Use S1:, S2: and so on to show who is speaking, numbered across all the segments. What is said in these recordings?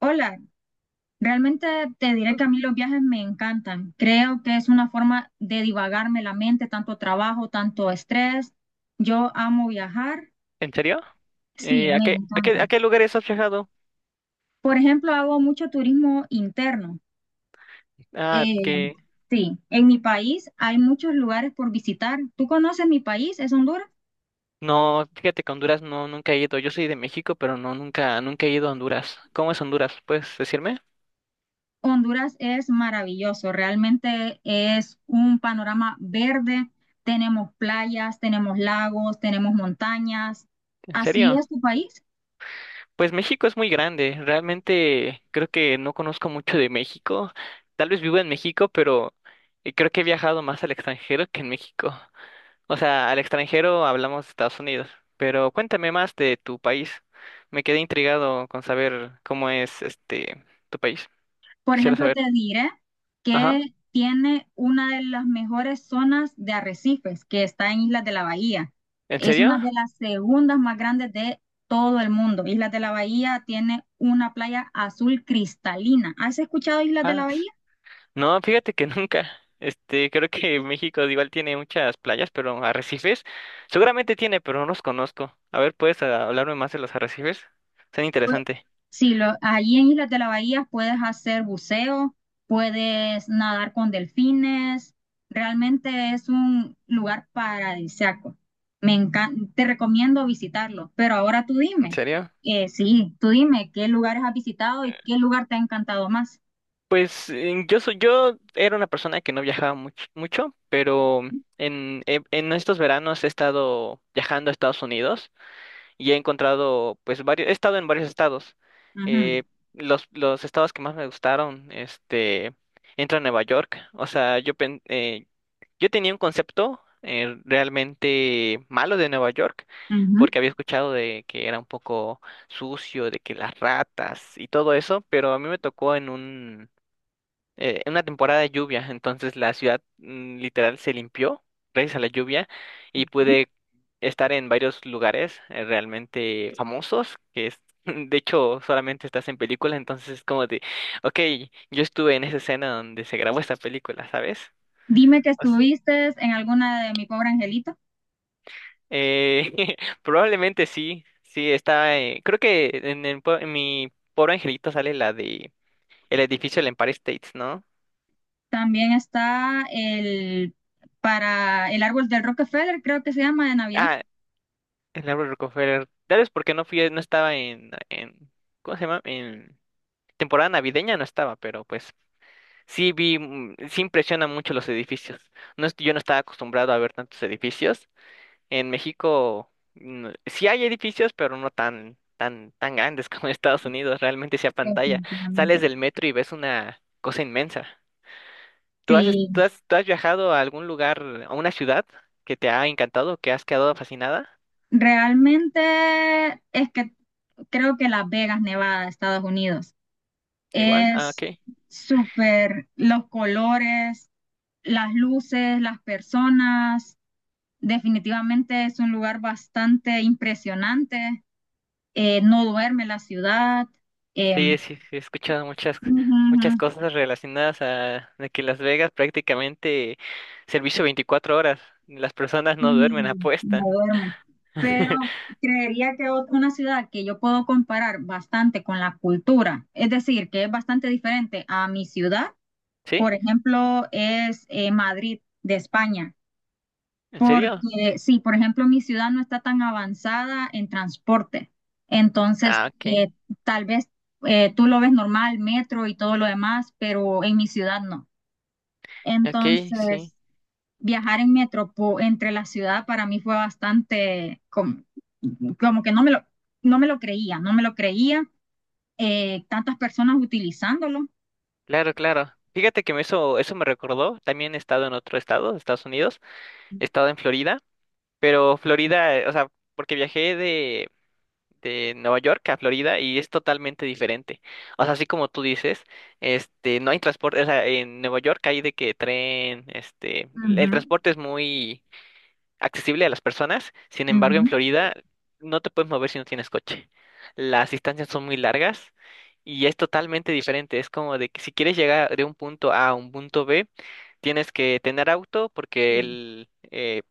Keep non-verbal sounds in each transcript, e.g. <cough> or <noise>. S1: Hola, realmente te diré que a mí los viajes me encantan. Creo que es una forma de divagarme la mente, tanto trabajo, tanto estrés. Yo amo viajar,
S2: ¿En serio?
S1: sí,
S2: ¿A
S1: me
S2: qué,
S1: encanta.
S2: a qué lugares has viajado?
S1: Por ejemplo, hago mucho turismo interno.
S2: Ah,
S1: Eh,
S2: que
S1: sí, en mi país hay muchos lugares por visitar. ¿Tú conoces mi país? ¿Es Honduras?
S2: No, fíjate que a Honduras no, nunca he ido. Yo soy de México, pero no, nunca, nunca he ido a Honduras. ¿Cómo es Honduras? ¿Puedes decirme?
S1: Honduras es maravilloso, realmente es un panorama verde, tenemos playas, tenemos lagos, tenemos montañas,
S2: ¿En
S1: así
S2: serio?
S1: es tu país.
S2: Pues México es muy grande. Realmente creo que no conozco mucho de México. Tal vez vivo en México, pero creo que he viajado más al extranjero que en México. O sea, al extranjero hablamos de Estados Unidos. Pero cuéntame más de tu país. Me quedé intrigado con saber cómo es este tu país.
S1: Por
S2: Quisiera
S1: ejemplo,
S2: saber.
S1: te diré
S2: Ajá.
S1: que tiene una de las mejores zonas de arrecifes que está en Islas de la Bahía.
S2: ¿En
S1: Es una
S2: serio?
S1: de las segundas más grandes de todo el mundo. Islas de la Bahía tiene una playa azul cristalina. ¿Has escuchado Islas de la
S2: Ah, s-
S1: Bahía?
S2: no, fíjate que <laughs> nunca. Este, creo que México igual tiene muchas playas, pero arrecifes. Seguramente tiene, pero no los conozco. A ver, ¿puedes hablarme más de los arrecifes? Son interesante.
S1: Sí, allí en Islas de la Bahía puedes hacer buceo, puedes nadar con delfines. Realmente es un lugar paradisíaco. Me encanta, te recomiendo visitarlo. Pero ahora tú
S2: ¿En
S1: dime,
S2: serio?
S1: sí, tú dime qué lugares has visitado y qué lugar te ha encantado más.
S2: Pues yo soy, yo era una persona que no viajaba mucho, pero en, en estos veranos he estado viajando a Estados Unidos. Y he encontrado, pues, varios, he estado en varios estados. Eh,
S1: Ujú,
S2: los estados que más me gustaron, este, entro a Nueva York. O sea, yo, yo tenía un concepto realmente malo de Nueva York,
S1: ujú.
S2: porque había escuchado de que era un poco sucio, de que las ratas y todo eso, pero a mí me tocó en un en una temporada de lluvia, entonces la ciudad literal se limpió gracias a la lluvia y pude estar en varios lugares realmente famosos, que es, <laughs> de hecho solamente estás en película, entonces es como de, ok, yo estuve en esa escena donde se grabó esta película, ¿sabes?
S1: Dime que
S2: Pues,
S1: estuviste en alguna de Mi Pobre Angelito.
S2: eh, <laughs> probablemente sí, sí, está, creo que en, en mi pobre angelito sale la de el edificio del Empire States, ¿no?
S1: También está el para el árbol del Rockefeller, creo que se llama de Navidad.
S2: Ah, el Álvaro Rockefeller. Tal vez porque no fui, no estaba en, ¿cómo se llama? En temporada navideña no estaba, pero pues sí vi, sí impresiona mucho los edificios. No, yo no estaba acostumbrado a ver tantos edificios. En México sí hay edificios, pero no tan, tan, tan grandes <laughs> como en Estados Unidos. Realmente sí a pantalla. Sales
S1: Definitivamente.
S2: del metro y ves una cosa inmensa.
S1: Sí,
S2: ¿Tú has, tú has viajado a algún lugar, a una ciudad que te ha encantado, que has quedado fascinada?
S1: realmente es que creo que Las Vegas, Nevada, Estados Unidos,
S2: Igual, ah, ok.
S1: es súper, los colores, las luces, las personas, definitivamente es un lugar bastante impresionante, no duerme la ciudad, eh,
S2: Sí, sí, sí, he escuchado muchas,
S1: ujú,
S2: muchas
S1: ujú.
S2: cosas relacionadas a, de que Las Vegas prácticamente servicio 24 horas. Las personas no duermen,
S1: Sí, no
S2: apuestan.
S1: duerme. Pero
S2: <laughs>
S1: creería que una ciudad que yo puedo comparar bastante con la cultura, es decir, que es bastante diferente a mi ciudad,
S2: ¿Sí?
S1: por ejemplo, es Madrid de España,
S2: ¿En serio?
S1: porque sí, por ejemplo, mi ciudad no está tan avanzada en transporte, entonces
S2: Ah, ok.
S1: tal vez tú lo ves normal, metro y todo lo demás, pero en mi ciudad no.
S2: Ok, sí.
S1: Entonces, viajar en entre la ciudad para mí fue bastante como, que no me lo creía, tantas personas utilizándolo.
S2: Claro, claro. Fíjate que me eso, eso me recordó. También he estado en otro estado, Estados Unidos. He estado en Florida, pero Florida, o sea, porque viajé de Nueva York a Florida y es totalmente diferente. O sea, así como tú dices, este, no hay transporte, o sea, en Nueva York hay de que tren, este,
S1: Ujú,
S2: el transporte es muy accesible a las personas, sin embargo, en
S1: ujú.
S2: Florida no te puedes mover si no tienes coche. Las distancias son muy largas y es totalmente diferente. Es como de que si quieres llegar de un punto A a un punto B, tienes que tener auto
S1: Sí.
S2: porque el,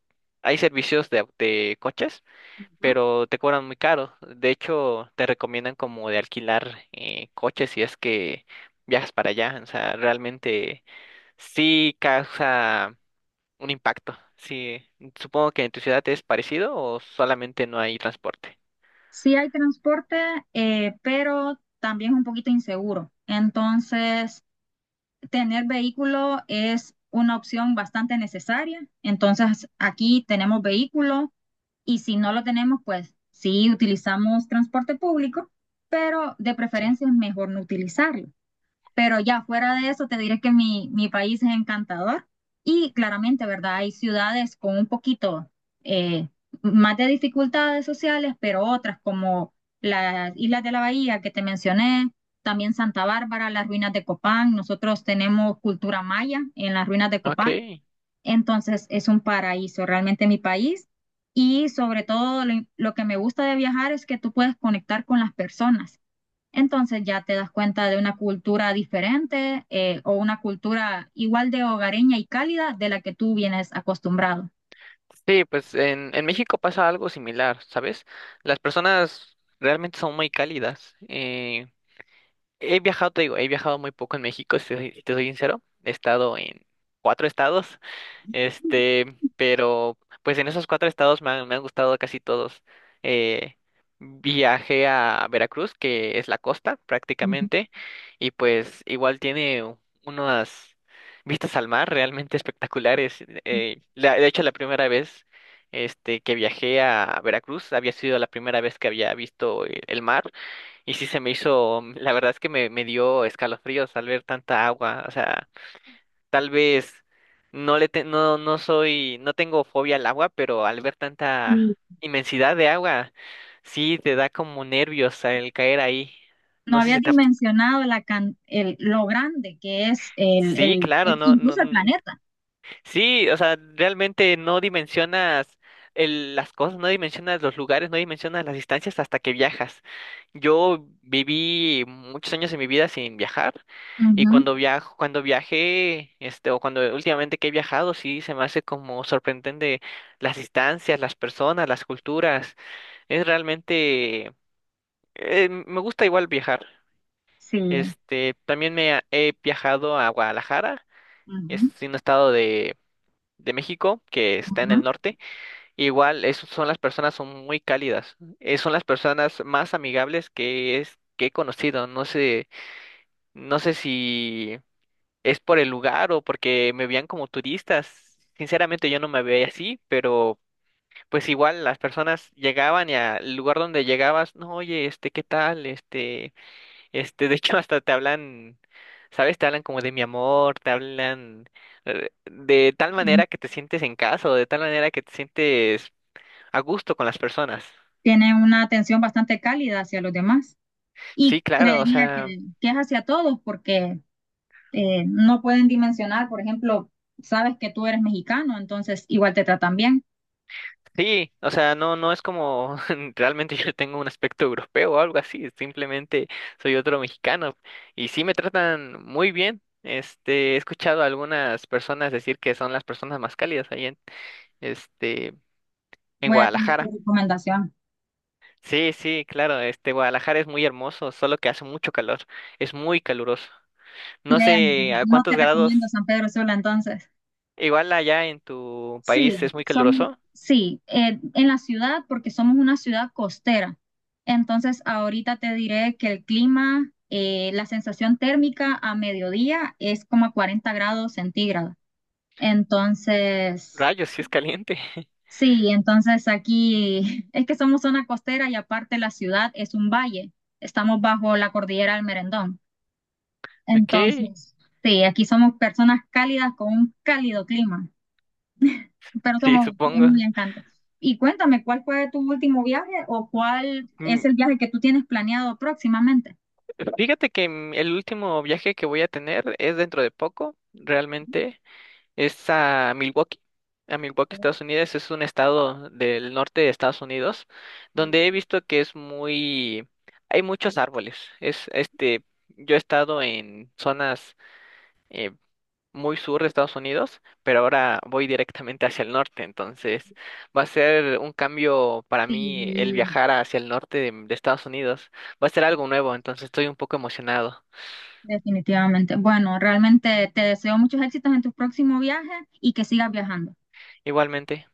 S2: hay servicios de, de coches
S1: Ujú.
S2: pero te cobran muy caro. De hecho, te recomiendan como de alquilar coches si es que viajas para allá. O sea, realmente sí causa un impacto. Sí, supongo que en tu ciudad es parecido o solamente no hay transporte.
S1: Sí hay transporte, pero también es un poquito inseguro. Entonces, tener vehículo es una opción bastante necesaria. Entonces, aquí tenemos vehículos. Y si no lo tenemos, pues sí utilizamos transporte público, pero de
S2: Sí.
S1: preferencia es mejor no utilizarlo. Pero ya fuera de eso, te diré que mi país es encantador y claramente, ¿verdad? Hay ciudades con un poquito eh, más de dificultades sociales, pero otras como las Islas de la Bahía que te mencioné, también Santa Bárbara, las ruinas de Copán. Nosotros tenemos cultura maya en las ruinas de
S2: Ok.
S1: Copán, entonces es un paraíso realmente mi país, y sobre todo lo que me gusta de viajar es que tú puedes conectar con las personas. Entonces ya te das cuenta de una cultura diferente, o una cultura igual de hogareña y cálida de la que tú vienes acostumbrado.
S2: Sí, pues en México pasa algo similar, ¿sabes? Las personas realmente son muy cálidas. He viajado, te digo, he viajado muy poco en México, si te soy sincero. He estado en cuatro estados. Este, pero pues en esos cuatro estados me han gustado casi todos. Eh, Viajé a Veracruz, que es la costa
S1: Ujú.
S2: prácticamente, y pues igual tiene unas vistas al mar realmente espectaculares. De hecho, la primera vez este, que viajé a Veracruz había sido la primera vez que había visto el mar, y sí se me hizo, la verdad es que me dio escalofríos al ver tanta agua, o sea. Tal vez no, no soy, no tengo fobia al agua, pero al ver
S1: Y
S2: tanta inmensidad de agua, sí te da como nervios al caer ahí.
S1: no
S2: No sé
S1: había
S2: si te ha-
S1: dimensionado la lo grande que es
S2: Sí, claro, no,
S1: incluso el
S2: no,
S1: planeta.
S2: sí, o sea, realmente no dimensionas las cosas, no dimensionas los lugares, no dimensionas las distancias hasta que viajas. Yo viví muchos años de mi vida sin viajar y
S1: Ujú.
S2: cuando viajo, cuando viajé, este, o cuando últimamente que he viajado, sí se me hace como sorprendente las distancias, las personas, las culturas. Es realmente, me gusta igual viajar.
S1: Sí.
S2: Este, también he viajado a Guadalajara, es
S1: Ujú.
S2: un estado de México, que está en
S1: Ujú.
S2: el norte. Igual son las personas son muy cálidas, son las personas más amigables que he conocido. No sé, no sé si es por el lugar o porque me veían como turistas. Sinceramente yo no me veía así, pero pues igual las personas llegaban y al lugar donde llegabas, no, oye, este, ¿qué tal? Este, de hecho, <laughs> hasta te hablan, ¿sabes? Te hablan como de mi amor, te hablan de tal manera que te sientes en casa o de tal manera que te sientes a gusto con las personas.
S1: Tiene una atención bastante cálida hacia los demás,
S2: Sí,
S1: y
S2: claro, o
S1: creería
S2: sea,
S1: que es hacia todos porque no pueden dimensionar, por ejemplo, sabes que tú eres mexicano, entonces igual te tratan bien.
S2: sí, o sea, no, no es como <laughs> realmente yo tengo un aspecto europeo o algo así, simplemente soy otro mexicano y sí me tratan muy bien. Este, he escuchado a algunas personas decir que son las personas más cálidas ahí en, este, en
S1: Voy a tomar tu
S2: Guadalajara.
S1: recomendación.
S2: Sí, sí, claro, este Guadalajara es muy hermoso, solo que hace mucho calor, es muy caluroso. No
S1: Créeme,
S2: sé a
S1: no
S2: cuántos
S1: te recomiendo
S2: grados,
S1: San Pedro Sula entonces.
S2: igual allá en tu país
S1: Sí,
S2: es muy
S1: son,
S2: caluroso.
S1: sí, en la ciudad porque somos una ciudad costera. Entonces ahorita te diré que el clima, la sensación térmica a mediodía es como a 40 °C. Entonces...
S2: Rayos, sí es caliente. <laughs>
S1: Sí, entonces aquí <laughs> es que somos zona costera y aparte la ciudad es un valle. Estamos bajo la cordillera del Merendón.
S2: Ok,
S1: Entonces, sí, aquí somos personas cálidas con un cálido clima, pero
S2: sí,
S1: somos muy
S2: supongo.
S1: encantados. Y cuéntame, ¿cuál fue tu último viaje o cuál es el
S2: Mm,
S1: viaje que tú tienes planeado próximamente?
S2: Fíjate que el último viaje que voy a tener es dentro de poco, realmente. Es a Milwaukee, Estados Unidos. Es un estado del norte de Estados Unidos donde he visto que es muy, hay muchos árboles. Es este, yo he estado en zonas eh, muy sur de Estados Unidos, pero ahora voy directamente hacia el norte. Entonces va a ser un cambio para mí el
S1: Sí,
S2: viajar hacia el norte de Estados Unidos. Va a ser algo nuevo. Entonces estoy un poco emocionado.
S1: definitivamente. Bueno, realmente te deseo muchos éxitos en tu próximo viaje y que sigas viajando.
S2: Igualmente.